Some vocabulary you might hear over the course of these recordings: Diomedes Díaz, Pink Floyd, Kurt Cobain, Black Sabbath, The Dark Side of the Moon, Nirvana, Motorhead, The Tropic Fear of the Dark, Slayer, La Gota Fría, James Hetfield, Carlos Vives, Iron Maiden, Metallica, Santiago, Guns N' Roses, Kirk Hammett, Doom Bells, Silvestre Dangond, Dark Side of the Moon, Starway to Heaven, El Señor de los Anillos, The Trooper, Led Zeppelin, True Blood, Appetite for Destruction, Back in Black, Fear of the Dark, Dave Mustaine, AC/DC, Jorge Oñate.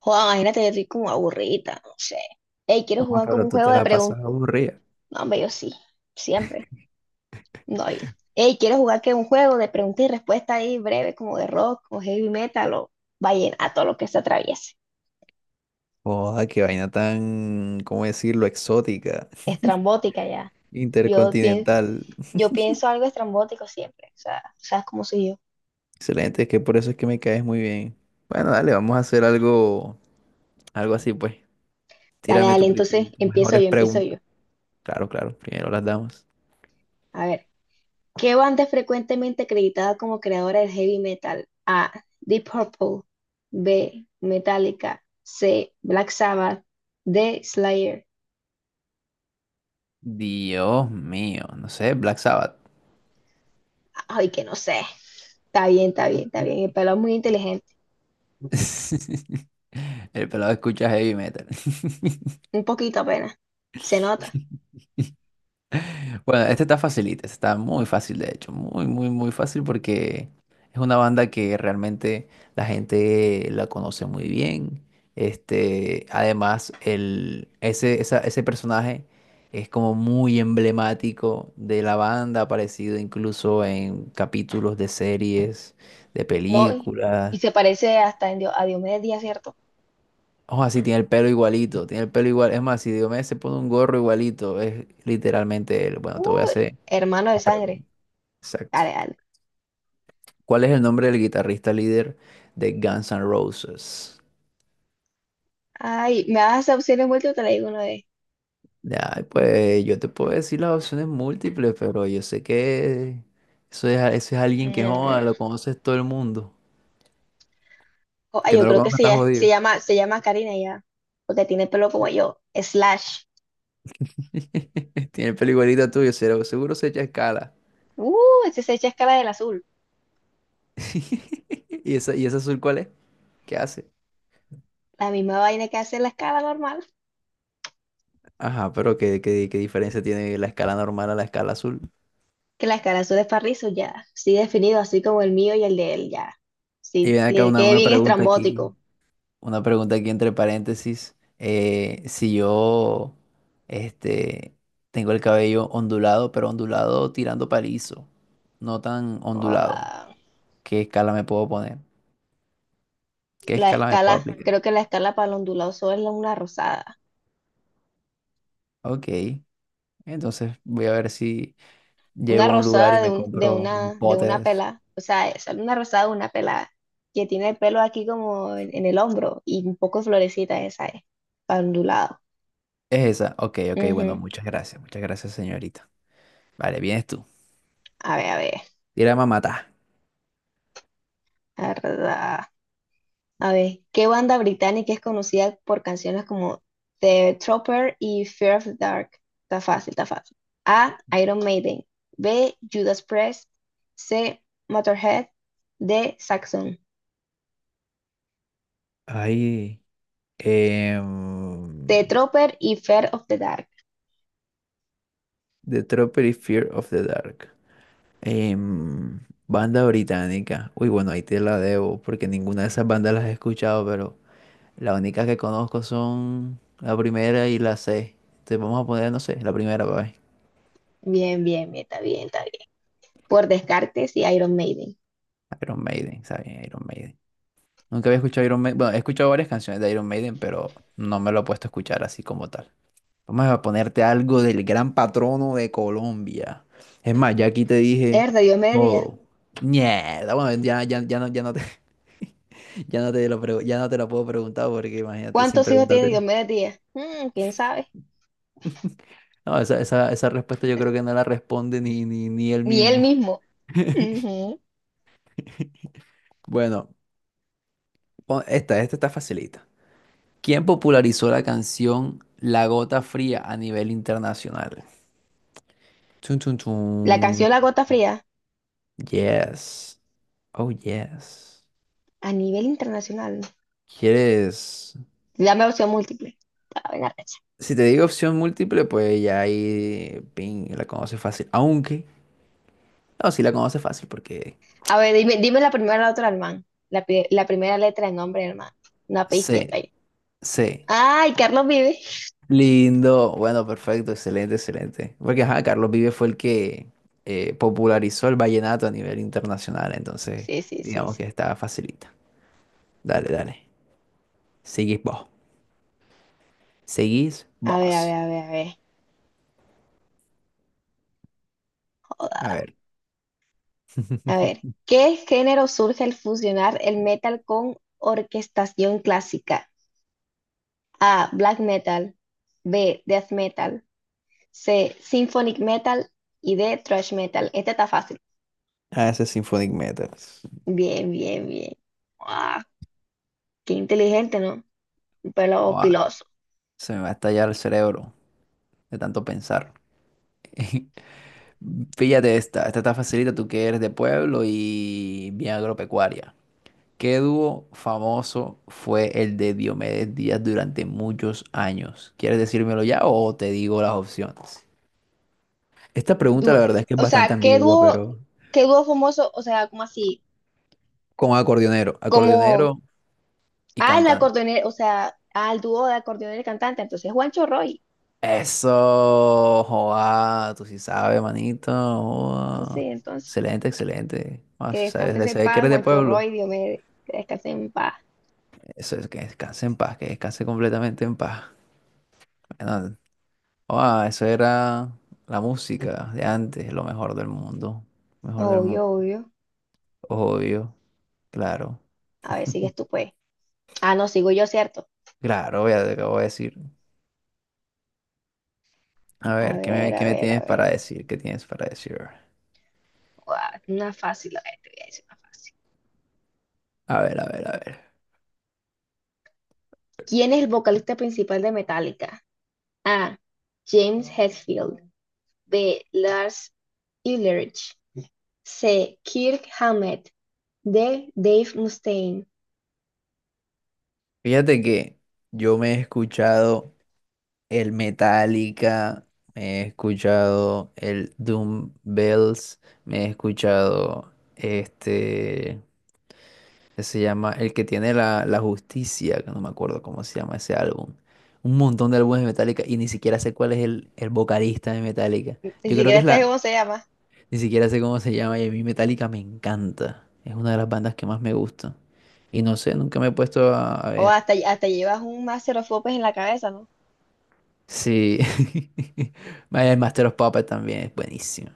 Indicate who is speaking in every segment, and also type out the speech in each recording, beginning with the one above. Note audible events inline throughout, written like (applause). Speaker 1: Joder, imagínate, yo estoy como aburrida, no sé. Ey, ¿quieres
Speaker 2: No,
Speaker 1: jugar como
Speaker 2: pero
Speaker 1: un
Speaker 2: tú
Speaker 1: juego
Speaker 2: te
Speaker 1: de
Speaker 2: la pasas
Speaker 1: preguntas?
Speaker 2: aburrida.
Speaker 1: No, hombre, yo sí, siempre. No, yo. Ey, ¿quieres jugar que un juego de preguntas y respuestas ahí breve, como de rock, o heavy metal, o vallenato, lo que se atraviese?
Speaker 2: Joda, qué vaina tan, ¿cómo decirlo? Exótica,
Speaker 1: Estrambótica ya. Yo, pien-
Speaker 2: intercontinental.
Speaker 1: yo pienso algo estrambótico siempre, o sea, sabes cómo soy yo.
Speaker 2: Excelente, es que por eso es que me caes muy bien. Bueno, dale, vamos a hacer algo, algo así, pues.
Speaker 1: Dale,
Speaker 2: Tírame
Speaker 1: dale, entonces
Speaker 2: tus
Speaker 1: empiezo
Speaker 2: mejores
Speaker 1: yo, empiezo
Speaker 2: preguntas.
Speaker 1: yo.
Speaker 2: Claro, claro, primero las damos.
Speaker 1: A ver. ¿Qué banda es frecuentemente acreditada como creadora del heavy metal? A. Deep Purple. B. Metallica. C. Black Sabbath. D. Slayer.
Speaker 2: Dios mío, no sé, Black Sabbath.
Speaker 1: Ay, que no sé. Está bien, está bien, está bien. El pelo es muy inteligente.
Speaker 2: (laughs) El pelado escucha heavy metal. (laughs)
Speaker 1: Un poquito apenas. Se nota.
Speaker 2: Bueno, este está facilita, este está muy fácil de hecho, muy, muy, muy fácil porque es una banda que realmente la gente la conoce muy bien. Este, además, el, ese, esa- Ese personaje es como muy emblemático de la banda, aparecido incluso en capítulos de series, de
Speaker 1: No, y
Speaker 2: películas.
Speaker 1: se parece hasta en a Diomedes Díaz, ¿cierto?
Speaker 2: Ojo, así tiene el pelo igualito, tiene el pelo igual. Es más, si Diomedes se pone un gorro igualito, es literalmente él. Bueno, te voy a
Speaker 1: Uy,
Speaker 2: hacer.
Speaker 1: hermano de sangre.
Speaker 2: Exacto.
Speaker 1: Dale, dale.
Speaker 2: ¿Cuál es el nombre del guitarrista líder de Guns N' Roses?
Speaker 1: Ay, me das opciones múltiples, te la digo una vez.
Speaker 2: Ay, pues yo te puedo decir las opciones múltiples, pero yo sé que eso es alguien que joda,
Speaker 1: Mm,
Speaker 2: lo conoces todo el mundo. Que
Speaker 1: Yo
Speaker 2: no lo
Speaker 1: creo que
Speaker 2: conozca está jodido.
Speaker 1: se llama Karina ya, porque tiene pelo como yo. Slash.
Speaker 2: (laughs) Tiene el pelo igualito tuyo, seguro, seguro se echa escala.
Speaker 1: Uh, ese se echa escala del azul.
Speaker 2: (laughs) ¿Y ese azul cuál es? ¿Qué hace?
Speaker 1: La misma vaina que hace la escala normal,
Speaker 2: Ajá, pero ¿qué diferencia tiene la escala normal a la escala azul?
Speaker 1: que la escala azul es para rizos ya. Sí definido, así como el mío y el de él ya.
Speaker 2: Y
Speaker 1: Sí,
Speaker 2: ven acá
Speaker 1: que
Speaker 2: una,
Speaker 1: quede
Speaker 2: una
Speaker 1: bien
Speaker 2: pregunta aquí.
Speaker 1: estrambótico.
Speaker 2: Una pregunta aquí entre paréntesis. Si yo este, tengo el cabello ondulado, pero ondulado tirando palizo, no tan ondulado,
Speaker 1: Joda.
Speaker 2: ¿qué escala me puedo poner? ¿Qué
Speaker 1: La
Speaker 2: escala me puedo
Speaker 1: escala,
Speaker 2: aplicar?
Speaker 1: creo que la escala para el ondulado solo es una rosada.
Speaker 2: Ok, entonces voy a ver si
Speaker 1: Una
Speaker 2: llego a un lugar y
Speaker 1: rosada de,
Speaker 2: me
Speaker 1: un,
Speaker 2: compro un
Speaker 1: de
Speaker 2: pote
Speaker 1: una
Speaker 2: de eso.
Speaker 1: pelada. O sea, es una rosada de una pelada que tiene el pelo aquí como en el hombro y un poco florecita esa es, ondulado.
Speaker 2: ¿Es esa? Ok, ok, bueno,
Speaker 1: Ujú.
Speaker 2: muchas gracias, señorita. Vale, vienes tú.
Speaker 1: A ver, a ver,
Speaker 2: Tira mamata.
Speaker 1: a ver, a ver, ¿qué banda británica es conocida por canciones como The Trooper y Fear of the Dark? Está fácil, está fácil. A, Iron Maiden. B, Judas Priest. C, Motorhead. D, Saxon.
Speaker 2: Ay,
Speaker 1: The
Speaker 2: em,
Speaker 1: Trooper y Fear of the Dark.
Speaker 2: The Tropic Fear of the Dark. Em, Banda británica. Uy, bueno, ahí te la debo, porque ninguna de esas bandas las he escuchado, pero las únicas que conozco son la primera y la C. Entonces vamos a poner, no sé, la primera, para ver.
Speaker 1: Bien, bien, bien, está bien, está bien. Por Descartes y Iron Maiden.
Speaker 2: Iron Maiden, ¿sabes? Iron Maiden. Nunca había escuchado Iron Maiden. Bueno, he escuchado varias canciones de Iron Maiden, pero no me lo he puesto a escuchar así como tal. Vamos a ponerte algo del gran patrono de Colombia. Es más, ya aquí te dije
Speaker 1: Es de Diomedes Díaz.
Speaker 2: todo. Mierda, bueno, ya no te. (laughs) Ya no te lo puedo preguntar porque imagínate sin
Speaker 1: ¿Cuántos hijos tiene
Speaker 2: preguntártelo.
Speaker 1: Diomedes Díaz? Mm, quién sabe.
Speaker 2: No, esa respuesta yo creo que no la responde ni él
Speaker 1: Ni él
Speaker 2: mismo.
Speaker 1: mismo. Ujú.
Speaker 2: Bueno, esta, esta está facilita. ¿Quién popularizó la canción La Gota Fría a nivel internacional? Chun, chun,
Speaker 1: La
Speaker 2: chun.
Speaker 1: canción La Gota Fría,
Speaker 2: Yes. Oh, yes.
Speaker 1: a nivel internacional.
Speaker 2: ¿Quieres?
Speaker 1: Dame opción múltiple. A ver, arrecha.
Speaker 2: Si te digo opción múltiple, pues ya ahí, ping, la conoces fácil. Aunque, no, sí la conoces fácil porque
Speaker 1: A ver, dime, dime la primera letra del man. La primera letra del nombre del man. Una pista
Speaker 2: sé,
Speaker 1: ahí.
Speaker 2: sé.
Speaker 1: Ay, Carlos Vive.
Speaker 2: Lindo, bueno, perfecto, excelente, excelente. Porque ajá, Carlos Vives fue el que popularizó el vallenato a nivel internacional, entonces
Speaker 1: Sí, sí, sí,
Speaker 2: digamos que
Speaker 1: sí.
Speaker 2: está facilita. Dale, dale. Seguís vos. Seguís
Speaker 1: A ver, a ver,
Speaker 2: vos.
Speaker 1: a ver, a ver.
Speaker 2: A
Speaker 1: Joda.
Speaker 2: ver.
Speaker 1: A ver,
Speaker 2: (laughs)
Speaker 1: ¿qué género surge al fusionar el metal con orquestación clásica? A. Black metal. B. Death metal. C. Symphonic metal. Y D. Thrash metal. Este está fácil.
Speaker 2: A ese Symphonic Metals.
Speaker 1: Bien, bien, bien. ¡Guau! Qué inteligente, ¿no? Un pelo
Speaker 2: Buah,
Speaker 1: piloso.
Speaker 2: se me va a estallar el cerebro de tanto pensar. (laughs) Fíjate esta está facilita, tú que eres de pueblo y bien agropecuaria. ¿Qué dúo famoso fue el de Diomedes Díaz durante muchos años? ¿Quieres decírmelo ya o te digo las opciones? Esta pregunta
Speaker 1: Du-
Speaker 2: la verdad es que es
Speaker 1: o
Speaker 2: bastante
Speaker 1: sea,
Speaker 2: ambigua, pero
Speaker 1: qué dúo famoso? O sea, ¿como así?
Speaker 2: con
Speaker 1: Como,
Speaker 2: acordeonero y
Speaker 1: ah, el
Speaker 2: cantante.
Speaker 1: acordeonero, o sea, ah, el dúo de acordeonero y cantante. Entonces, Juancho Roy.
Speaker 2: Eso, joa, tú sí sabes, manito.
Speaker 1: Entonces,
Speaker 2: Joa.
Speaker 1: entonces,
Speaker 2: Excelente, excelente. Ah,
Speaker 1: que descanses
Speaker 2: se
Speaker 1: en
Speaker 2: sabe que
Speaker 1: paz,
Speaker 2: eres de
Speaker 1: Juancho
Speaker 2: pueblo.
Speaker 1: Roy, Diomedes, que descanses en paz.
Speaker 2: Eso es que descanse en paz, que descanse completamente en paz. Bueno, ah, eso era la música de antes, lo mejor del mundo. Mejor del mundo.
Speaker 1: Obvio, obvio.
Speaker 2: Obvio, claro.
Speaker 1: A ver, sigues tú, pues. Ah, no, sigo yo, ¿cierto?
Speaker 2: Claro, ya te acabo de decir. A
Speaker 1: A
Speaker 2: ver,
Speaker 1: ver, a
Speaker 2: ¿qué me
Speaker 1: ver, a
Speaker 2: tienes para
Speaker 1: ver.
Speaker 2: decir? ¿Qué tienes para decir?
Speaker 1: Guau, una fácil, a ver, te voy a decir una fácil.
Speaker 2: A ver, a ver, a ver.
Speaker 1: ¿Quién es el vocalista principal de Metallica? A. James Hetfield. B. Lars Ulrich. C. Kirk Hammett. D. Dave Mustaine.
Speaker 2: Fíjate que yo me he escuchado el Metallica, me he escuchado el Doom Bells, me he escuchado este. Se llama El que tiene la, la justicia, que no me acuerdo cómo se llama ese álbum. Un montón de álbumes de Metallica y ni siquiera sé cuál es el vocalista de Metallica.
Speaker 1: Ni
Speaker 2: Yo creo que
Speaker 1: siquiera
Speaker 2: es
Speaker 1: sabes
Speaker 2: la...
Speaker 1: cómo se llama.
Speaker 2: Ni siquiera sé cómo se llama y a mí Metallica me encanta. Es una de las bandas que más me gusta. Y no sé, nunca me he puesto a
Speaker 1: O
Speaker 2: ver.
Speaker 1: hasta, hasta llevas un master of popes en la cabeza, ¿no?
Speaker 2: Sí. (laughs) Vaya, El Master of Puppets también es buenísimo.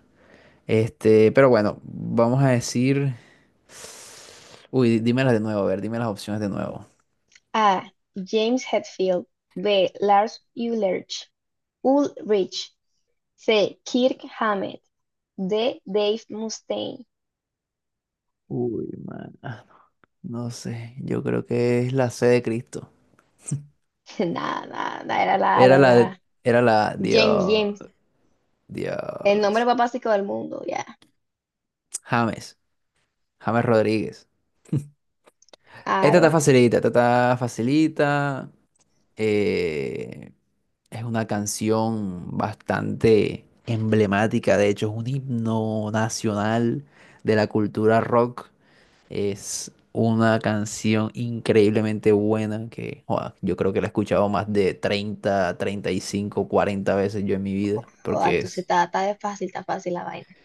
Speaker 2: Este, pero bueno, vamos a decir... Uy, dímelas de nuevo, a ver, dime las opciones de nuevo.
Speaker 1: A. James Hetfield. B. Lars Ulrich. Ulrich. C. Kirk Hammett. D. Dave Mustaine.
Speaker 2: Uy, man. No sé, yo creo que es la C de Cristo.
Speaker 1: (laughs) Nada, nada, nada, era la,
Speaker 2: Era
Speaker 1: la,
Speaker 2: la, de-
Speaker 1: la-
Speaker 2: Era la,
Speaker 1: James,
Speaker 2: Dios,
Speaker 1: James, el nombre
Speaker 2: Dios,
Speaker 1: más básico del mundo, ya.
Speaker 2: James, James Rodríguez. Esta está
Speaker 1: Aro.
Speaker 2: facilita, esta está facilita. eh, es una canción bastante emblemática, de hecho, es un himno nacional de la cultura rock. Es una canción increíblemente buena que joda, yo creo que la he escuchado más de treinta treinta y cinco cuarenta veces yo en mi vida,
Speaker 1: Joder,
Speaker 2: porque
Speaker 1: entonces está de fácil, está fácil la vaina.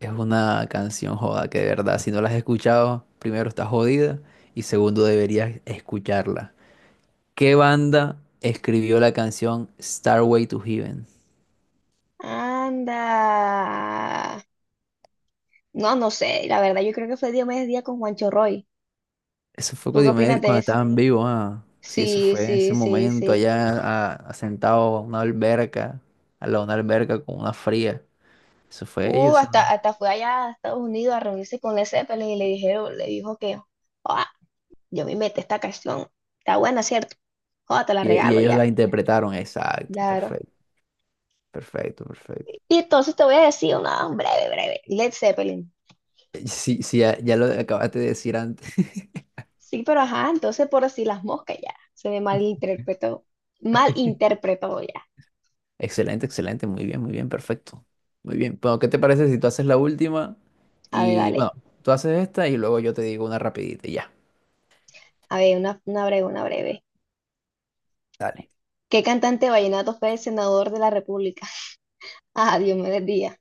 Speaker 2: es una canción joda que de verdad, si no la has escuchado, primero estás jodida y segundo deberías escucharla. ¿Qué banda escribió la canción Starway to Heaven?
Speaker 1: Anda. No, no sé, la verdad, yo creo que fue Diomedes Díaz con Juancho Roy.
Speaker 2: Eso fue
Speaker 1: ¿Tú
Speaker 2: con
Speaker 1: qué opinas
Speaker 2: Diomedes
Speaker 1: de
Speaker 2: cuando
Speaker 1: eso?
Speaker 2: estaban vivos, ah. Sí, eso
Speaker 1: Sí,
Speaker 2: fue en ese
Speaker 1: sí, sí,
Speaker 2: momento
Speaker 1: sí.
Speaker 2: allá sentado a una alberca, al lado de una alberca con una fría. Eso fue ellos, ¿sí o no?
Speaker 1: Hasta fue allá a Estados Unidos a reunirse con Led Zeppelin y le dijo que, "Ah, yo me metí esta canción. Está buena, ¿cierto? Joder, te la
Speaker 2: Y
Speaker 1: regalo
Speaker 2: ellos
Speaker 1: ya".
Speaker 2: la interpretaron, exacto,
Speaker 1: Claro.
Speaker 2: perfecto, perfecto, perfecto.
Speaker 1: Y entonces te voy a decir una breve, breve, Led Zeppelin.
Speaker 2: Sí, sí, ya, ya lo acabaste de decir antes.
Speaker 1: Sí, pero ajá, entonces por así las moscas ya,
Speaker 2: (laughs)
Speaker 1: malinterpretó ya.
Speaker 2: Excelente, excelente, muy bien, perfecto. Muy bien, bueno, ¿qué te parece si tú haces la última?
Speaker 1: A ver,
Speaker 2: Y
Speaker 1: dale,
Speaker 2: bueno, tú haces esta y luego yo te digo una rapidita, y ya.
Speaker 1: a ver, una breve, una breve. ¿Qué cantante vallenato fue el senador de la República? (laughs) A, Dios me bendiga.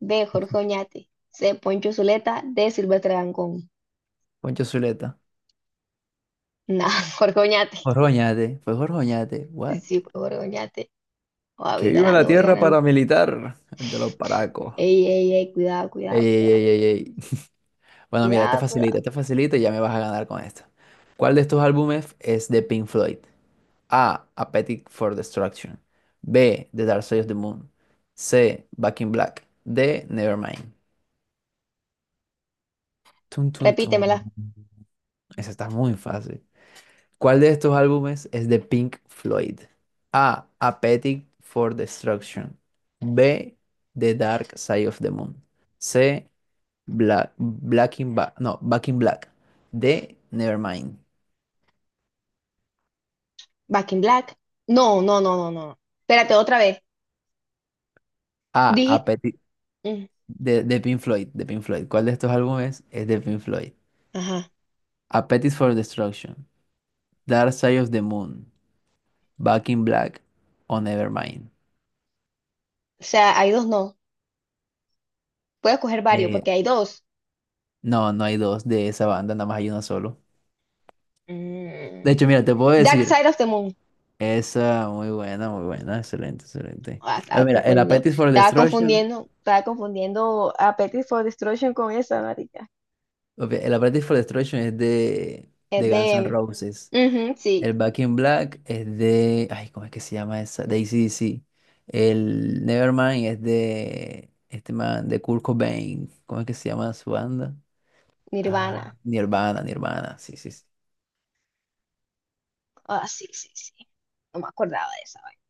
Speaker 1: B, Jorge Oñate. C, Poncho Zuleta. D, Silvestre Dangond.
Speaker 2: Poncho Zuleta,
Speaker 1: Nah, (laughs) Jorge Oñate.
Speaker 2: Jorjoñate, fue Jorjoñate, what?
Speaker 1: Sí, fue Jorge Oñate. Ah,
Speaker 2: Que
Speaker 1: voy
Speaker 2: viva la
Speaker 1: ganando, voy
Speaker 2: tierra
Speaker 1: ganando.
Speaker 2: paramilitar de los paracos.
Speaker 1: Ey, ey, ey, cuidado,
Speaker 2: Ey,
Speaker 1: cuidado,
Speaker 2: ey,
Speaker 1: cuidado,
Speaker 2: ey, ey, ey. (laughs) Bueno, mira,
Speaker 1: cuidado, cuidado.
Speaker 2: esta facilita y ya me vas a ganar con esta. ¿Cuál de estos álbumes es de Pink Floyd? A. Appetite for Destruction. B. The Dark Side of the Moon. C. Back in Black. D. Nevermind. Tun, tun, tun.
Speaker 1: Repítemela.
Speaker 2: Esa está muy fácil. ¿Cuál de estos álbumes es de Pink Floyd? A. Appetite for Destruction. B. The Dark Side of the Moon. C. Black, Black in Ba- no, Back in Black. D. Nevermind.
Speaker 1: Back in Black. No, no, no, no, no. Espérate, otra vez.
Speaker 2: Ah,
Speaker 1: Dije.
Speaker 2: Appetite
Speaker 1: Mm.
Speaker 2: de Pink Floyd, de Pink Floyd. ¿Cuál de estos álbumes es de Pink Floyd?
Speaker 1: Ajá.
Speaker 2: Appetite for Destruction, Dark Side of the Moon, Back in Black o Nevermind.
Speaker 1: O sea, hay dos, no. Puedo escoger varios
Speaker 2: Eh,
Speaker 1: porque hay dos.
Speaker 2: no, no hay dos de esa banda, nada más hay uno solo. De
Speaker 1: Mm.
Speaker 2: hecho, mira, te puedo
Speaker 1: Dark
Speaker 2: decir,
Speaker 1: Side of the Moon.
Speaker 2: esa muy buena, excelente, excelente.
Speaker 1: Ah,
Speaker 2: Ah,
Speaker 1: estaba
Speaker 2: mira, el
Speaker 1: confundiendo.
Speaker 2: Appetite for
Speaker 1: Estaba
Speaker 2: Destruction,
Speaker 1: confundiendo. Estaba confundiendo a Petty for Destruction con esa, marica.
Speaker 2: ok, el Appetite for Destruction es
Speaker 1: Es
Speaker 2: de Guns N'
Speaker 1: de.
Speaker 2: Roses.
Speaker 1: Ujú, sí,
Speaker 2: El Back in Black es de. Ay, ¿cómo es que se llama esa? De AC/DC. El Nevermind es de. Este man, de Kurt Cobain. ¿Cómo es que se llama su banda?
Speaker 1: Nirvana.
Speaker 2: Ah, Nirvana, Nirvana. Sí, sí, sí.
Speaker 1: Ah, sí, sí, sí. No me acordaba de esa vaina.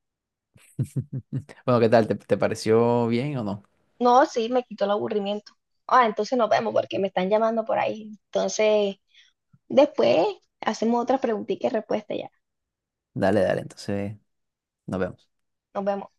Speaker 2: (laughs) Bueno, ¿qué tal? ¿Te, te pareció bien o no?
Speaker 1: No, sí, me quitó el aburrimiento. Ah, entonces nos vemos porque me están llamando por ahí. Entonces. Después hacemos otra preguntita y respuesta ya.
Speaker 2: Dale, dale, entonces nos vemos.
Speaker 1: Nos vemos.